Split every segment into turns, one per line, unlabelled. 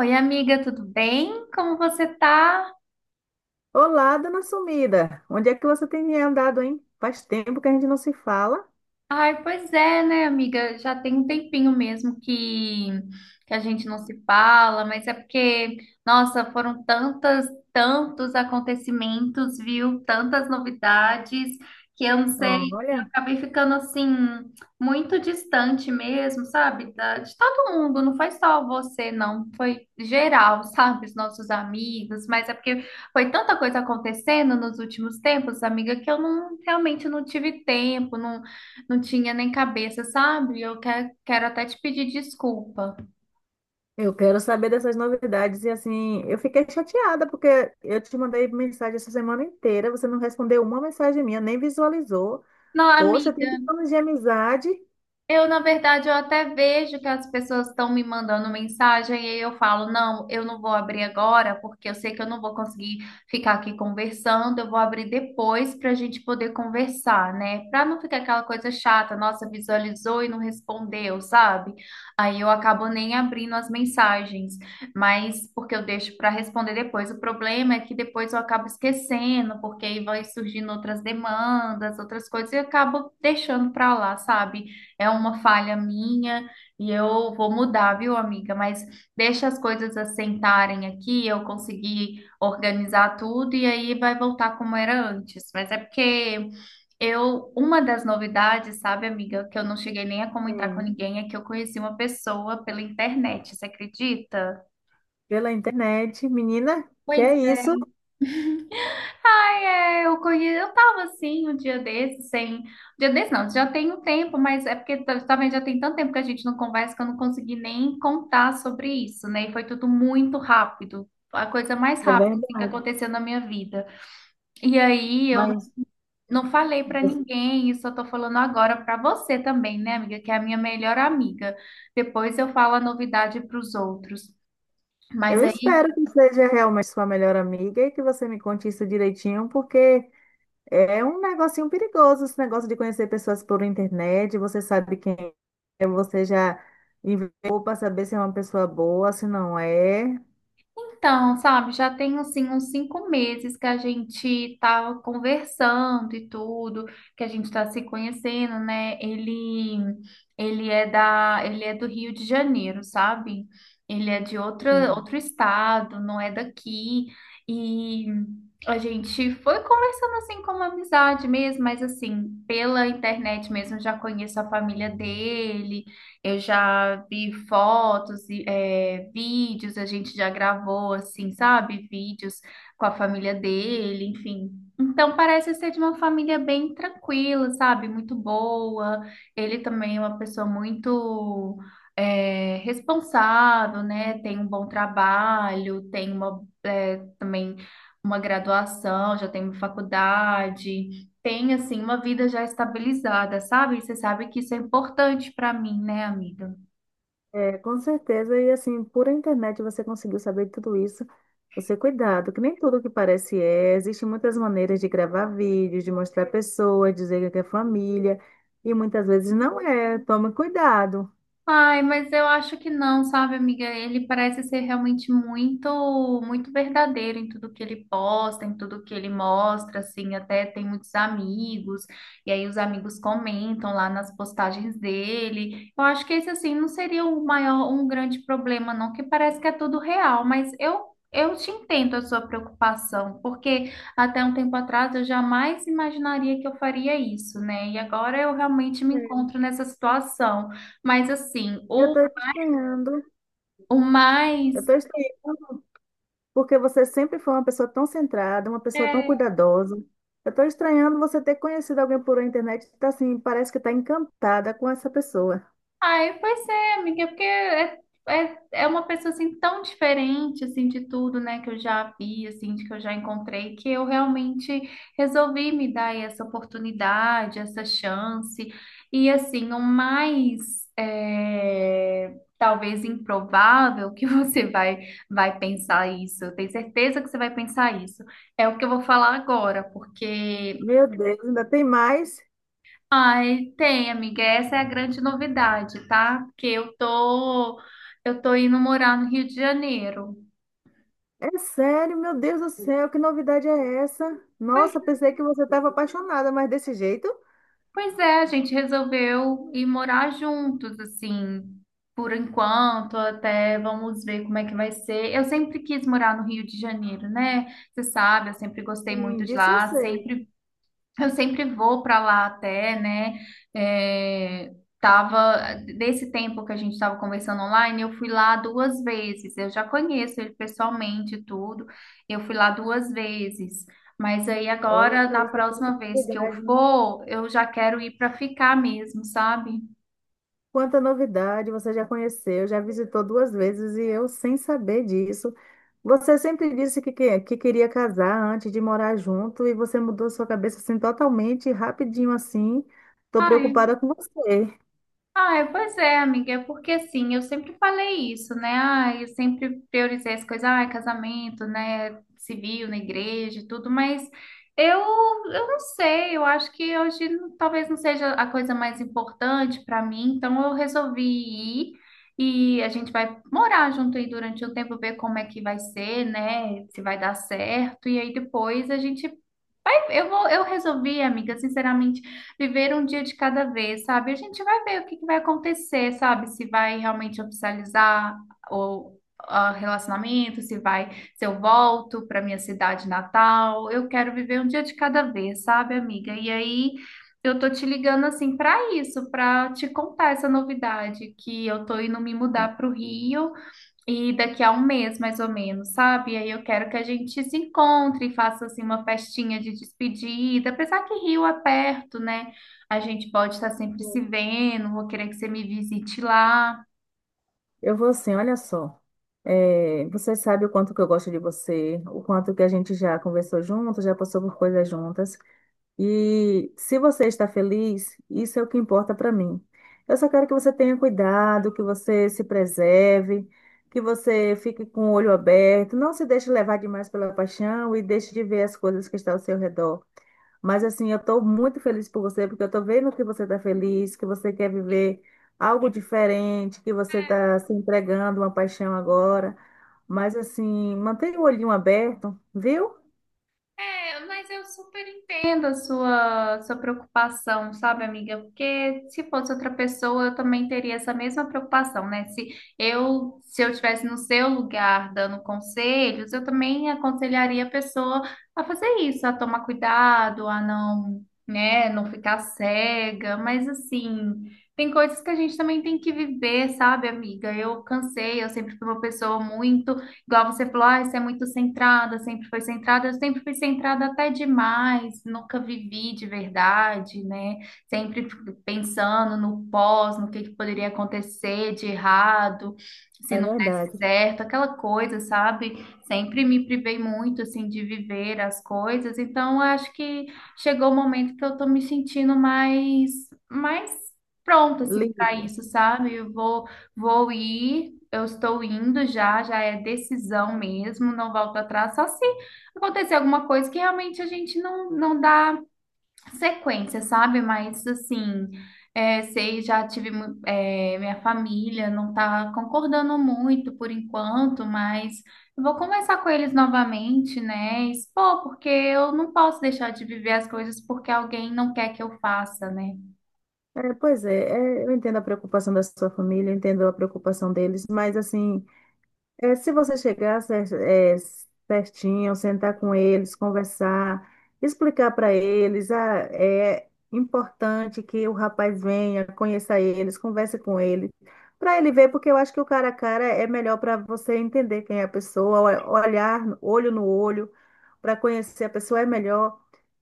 Oi, amiga, tudo bem? Como você tá?
Olá, dona Sumida. Onde é que você tem andado, hein? Faz tempo que a gente não se fala.
Ai, pois é, né, amiga? Já tem um tempinho mesmo que a gente não se fala, mas é porque, nossa, tantos acontecimentos, viu? Tantas novidades, que eu não sei, que eu
Olha,
acabei ficando assim, muito distante mesmo, sabe? De todo mundo, não foi só você, não, foi geral, sabe? Os nossos amigos, mas é porque foi tanta coisa acontecendo nos últimos tempos, amiga, que eu não realmente não tive tempo, não. Não tinha nem cabeça, sabe? Quero até te pedir desculpa.
eu quero saber dessas novidades e assim, eu fiquei chateada porque eu te mandei mensagem essa semana inteira, você não respondeu uma mensagem minha, nem visualizou.
Não,
Poxa, tem
amiga.
anos de amizade.
Eu, na verdade, eu até vejo que as pessoas estão me mandando mensagem e aí eu falo, não, eu não vou abrir agora, porque eu sei que eu não vou conseguir ficar aqui conversando, eu vou abrir depois para a gente poder conversar, né? Para não ficar aquela coisa chata, nossa, visualizou e não respondeu, sabe? Aí eu acabo nem abrindo as mensagens, mas porque eu deixo para responder depois. O problema é que depois eu acabo esquecendo, porque aí vai surgindo outras demandas, outras coisas, e eu acabo deixando para lá, sabe? É uma falha minha e eu vou mudar, viu, amiga? Mas deixa as coisas assentarem aqui, eu consegui organizar tudo e aí vai voltar como era antes. Mas é porque eu, uma das novidades, sabe, amiga, que eu não cheguei nem a comentar com
Sim.
ninguém, é que eu conheci uma pessoa pela internet, você acredita?
Pela internet, menina, que
Pois.
é isso?
Ai, é, eu tava assim um dia desse, sem. Um dia desse não, já tem um tempo, mas é porque também já tem tanto tempo que a gente não conversa que eu não consegui nem contar sobre isso, né? E foi tudo muito rápido, a coisa mais
É
rápida assim, que
verdade.
aconteceu na minha vida. E aí eu
Mas
não falei pra ninguém, isso eu tô falando agora pra você também, né, amiga, que é a minha melhor amiga. Depois eu falo a novidade pros outros. Mas
eu espero que seja realmente sua melhor amiga e que você me conte isso direitinho, porque é um negocinho perigoso esse negócio de conhecer pessoas por internet. Você sabe quem é, você já enviou para saber se é uma pessoa boa, se não é.
então, sabe, já tem assim uns 5 meses que a gente tá conversando e tudo, que a gente tá se conhecendo, né? Ele é do Rio de Janeiro, sabe? Ele é de
Sim.
outro estado, não é daqui. E a gente foi conversando assim como amizade mesmo, mas assim, pela internet mesmo já conheço a família dele, eu já vi fotos, vídeos, a gente já gravou, assim, sabe? Vídeos com a família dele, enfim. Então, parece ser de uma família bem tranquila, sabe? Muito boa. Ele também é uma pessoa responsável, né? Tem um bom trabalho, tem também uma graduação, já tem uma faculdade, tem assim uma vida já estabilizada, sabe? Você sabe que isso é importante para mim, né, amiga?
É, com certeza. E assim, por internet você conseguiu saber tudo isso. Você cuidado, que nem tudo que parece é. Existem muitas maneiras de gravar vídeos, de mostrar pessoas, dizer que é família. E muitas vezes não é. Tome cuidado.
Ai, mas eu acho que não, sabe, amiga? Ele parece ser realmente muito, muito verdadeiro em tudo que ele posta, em tudo que ele mostra, assim, até tem muitos amigos, e aí os amigos comentam lá nas postagens dele. Eu acho que esse, assim, não seria o maior, um grande problema, não, que parece que é tudo real, mas eu te entendo a sua preocupação, porque até um tempo atrás eu jamais imaginaria que eu faria isso, né? E agora eu realmente me
É.
encontro nessa situação. Mas assim,
Eu estou estranhando.
o
Eu
mais.
estou estranhando, porque você sempre foi uma pessoa tão centrada, uma pessoa tão
É,
cuidadosa. Eu estou estranhando você ter conhecido alguém por internet que tá assim, parece que está encantada com essa pessoa.
ai, pois é, amiga, é uma pessoa assim tão diferente assim de tudo, né, que eu já vi, assim, de que eu já encontrei, que eu realmente resolvi me dar essa oportunidade, essa chance. E assim, o mais é, talvez improvável que vai pensar isso, eu tenho certeza que você vai pensar isso, é o que eu vou falar agora, porque.
Meu Deus, ainda tem mais?
Ai, tem, amiga. Essa é a grande novidade, tá? Porque eu tô indo morar no Rio de Janeiro.
É sério, meu Deus do céu, que novidade é essa?
Pois,
Nossa, pensei que você estava apaixonada, mas desse jeito?
pois é, a gente resolveu ir morar juntos, assim, por enquanto, até vamos ver como é que vai ser. Eu sempre quis morar no Rio de Janeiro, né? Você sabe, eu sempre gostei
Sim,
muito de
disso eu
lá,
sei.
sempre. Eu sempre vou para lá até, né? É, tava desse tempo que a gente estava conversando online, eu fui lá 2 vezes. Eu já conheço ele pessoalmente e tudo. Eu fui lá duas vezes. Mas aí
Olha
agora, na
para isso, quanta
próxima vez que eu
novidade, hein?
for, eu já quero ir para ficar mesmo, sabe?
Quanta novidade, você já conheceu, já visitou duas vezes e eu sem saber disso. Você sempre disse que queria casar antes de morar junto e você mudou sua cabeça assim totalmente, rapidinho assim. Tô
Ah, é.
preocupada com você.
Ah, é, pois é, amiga, é porque assim, eu sempre falei isso, né? Ah, eu sempre priorizei as coisas, ah, casamento, né? Civil, na igreja, e tudo, mas eu não sei, eu acho que hoje talvez não seja a coisa mais importante para mim, então eu resolvi ir e a gente vai morar junto aí durante um tempo, ver como é que vai ser, né? Se vai dar certo, e aí depois a gente. Aí eu vou, eu resolvi, amiga, sinceramente, viver um dia de cada vez, sabe? A gente vai ver o que que vai acontecer, sabe? Se vai realmente oficializar o, ah, relacionamento, se eu volto para minha cidade natal. Eu quero viver um dia de cada vez, sabe, amiga? E aí eu tô te ligando assim para isso, para te contar essa novidade que eu tô indo me mudar para o Rio. E daqui a um mês, mais ou menos, sabe? Aí eu quero que a gente se encontre e faça assim uma festinha de despedida. Apesar que Rio é perto, né? A gente pode estar sempre se vendo. Vou querer que você me visite lá.
Eu vou assim, olha só. É, você sabe o quanto que eu gosto de você, o quanto que a gente já conversou junto, já passou por coisas juntas. E se você está feliz, isso é o que importa para mim. Eu só quero que você tenha cuidado, que você se preserve, que você fique com o olho aberto, não se deixe levar demais pela paixão e deixe de ver as coisas que estão ao seu redor. Mas assim, eu estou muito feliz por você, porque eu estou vendo que você está feliz, que você quer viver algo diferente, que você está se entregando a uma paixão agora. Mas assim, mantenha o olhinho aberto, viu?
É, mas eu super entendo a sua preocupação, sabe, amiga? Porque se fosse outra pessoa, eu também teria essa mesma preocupação, né? Se eu estivesse no seu lugar dando conselhos, eu também aconselharia a pessoa a fazer isso, a tomar cuidado, a não, né, não ficar cega. Mas assim, tem coisas que a gente também tem que viver, sabe, amiga? Eu cansei, eu sempre fui uma pessoa muito. Igual você falou, ah, você é muito centrada, sempre foi centrada, eu sempre fui centrada até demais, nunca vivi de verdade, né? Sempre pensando no pós, no que poderia acontecer de errado, se
É
não desse
verdade.
certo, aquela coisa, sabe? Sempre me privei muito, assim, de viver as coisas, então eu acho que chegou o momento que eu tô me sentindo mais pronta, assim, para
Livre.
isso, sabe? Eu vou. Vou ir, eu estou indo já, já é decisão mesmo, não volto atrás, só se acontecer alguma coisa que realmente a gente não dá sequência, sabe? Mas assim, é, sei, já tive mu- é, minha família não está concordando muito por enquanto, mas eu vou conversar com eles novamente, né? E expor, porque eu não posso deixar de viver as coisas porque alguém não quer que eu faça, né?
É, pois é, é, eu entendo a preocupação da sua família, eu entendo a preocupação deles, mas assim, é, se você chegar cer- é, certinho, sentar com eles, conversar, explicar para eles, ah, é importante que o rapaz venha, conheça eles, converse com ele, para ele ver, porque eu acho que o cara a cara é melhor para você entender quem é a pessoa, o- olhar olho no olho, para conhecer a pessoa é melhor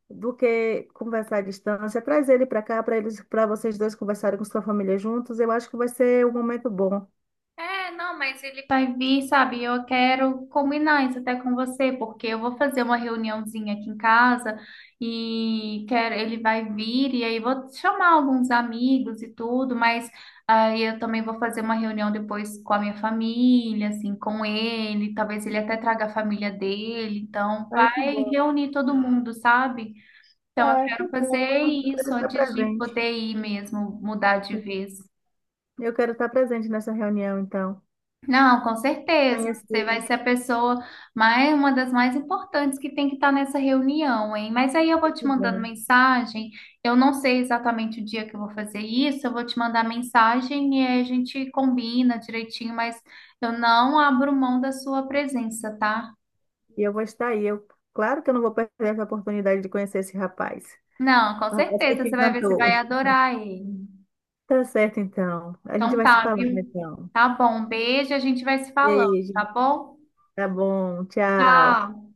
do que conversar à distância. Traz ele para cá, para eles, para vocês dois conversarem com sua família juntos, eu acho que vai ser um momento bom.
É, não, mas ele vai vir, sabe? Eu quero combinar isso até com você, porque eu vou fazer uma reuniãozinha aqui em casa e quero, ele vai vir e aí vou chamar alguns amigos e tudo, mas aí eu também vou fazer uma reunião depois com a minha família, assim, com ele, talvez ele até traga a família dele, então
Ai,
vai
que bom.
reunir todo mundo, sabe? Então eu
Ah, que
quero
bom.
fazer
Eu quero
isso
estar
antes de
presente.
poder ir mesmo, mudar de vez.
Eu quero estar presente nessa reunião, então.
Não, com certeza. Você vai
Conhecer.
ser a pessoa mais, uma das mais importantes que tem que estar nessa reunião, hein? Mas aí eu vou te
Que
mandando
bom.
mensagem. Eu não sei exatamente o dia que eu vou fazer isso. Eu vou te mandar mensagem e aí a gente combina direitinho, mas eu não abro mão da sua presença, tá?
E eu vou estar aí. Eu, claro que eu não vou perder essa oportunidade de conhecer esse rapaz.
Não, com
O rapaz que
certeza.
te
Você vai ver, você
encantou.
vai adorar ele.
Tá certo, então. A gente
Então
vai se
tá,
falando,
viu?
então.
Tá bom. Beijo, a gente vai se falando,
Beijo.
tá bom?
Tá bom. Tchau.
Tchau.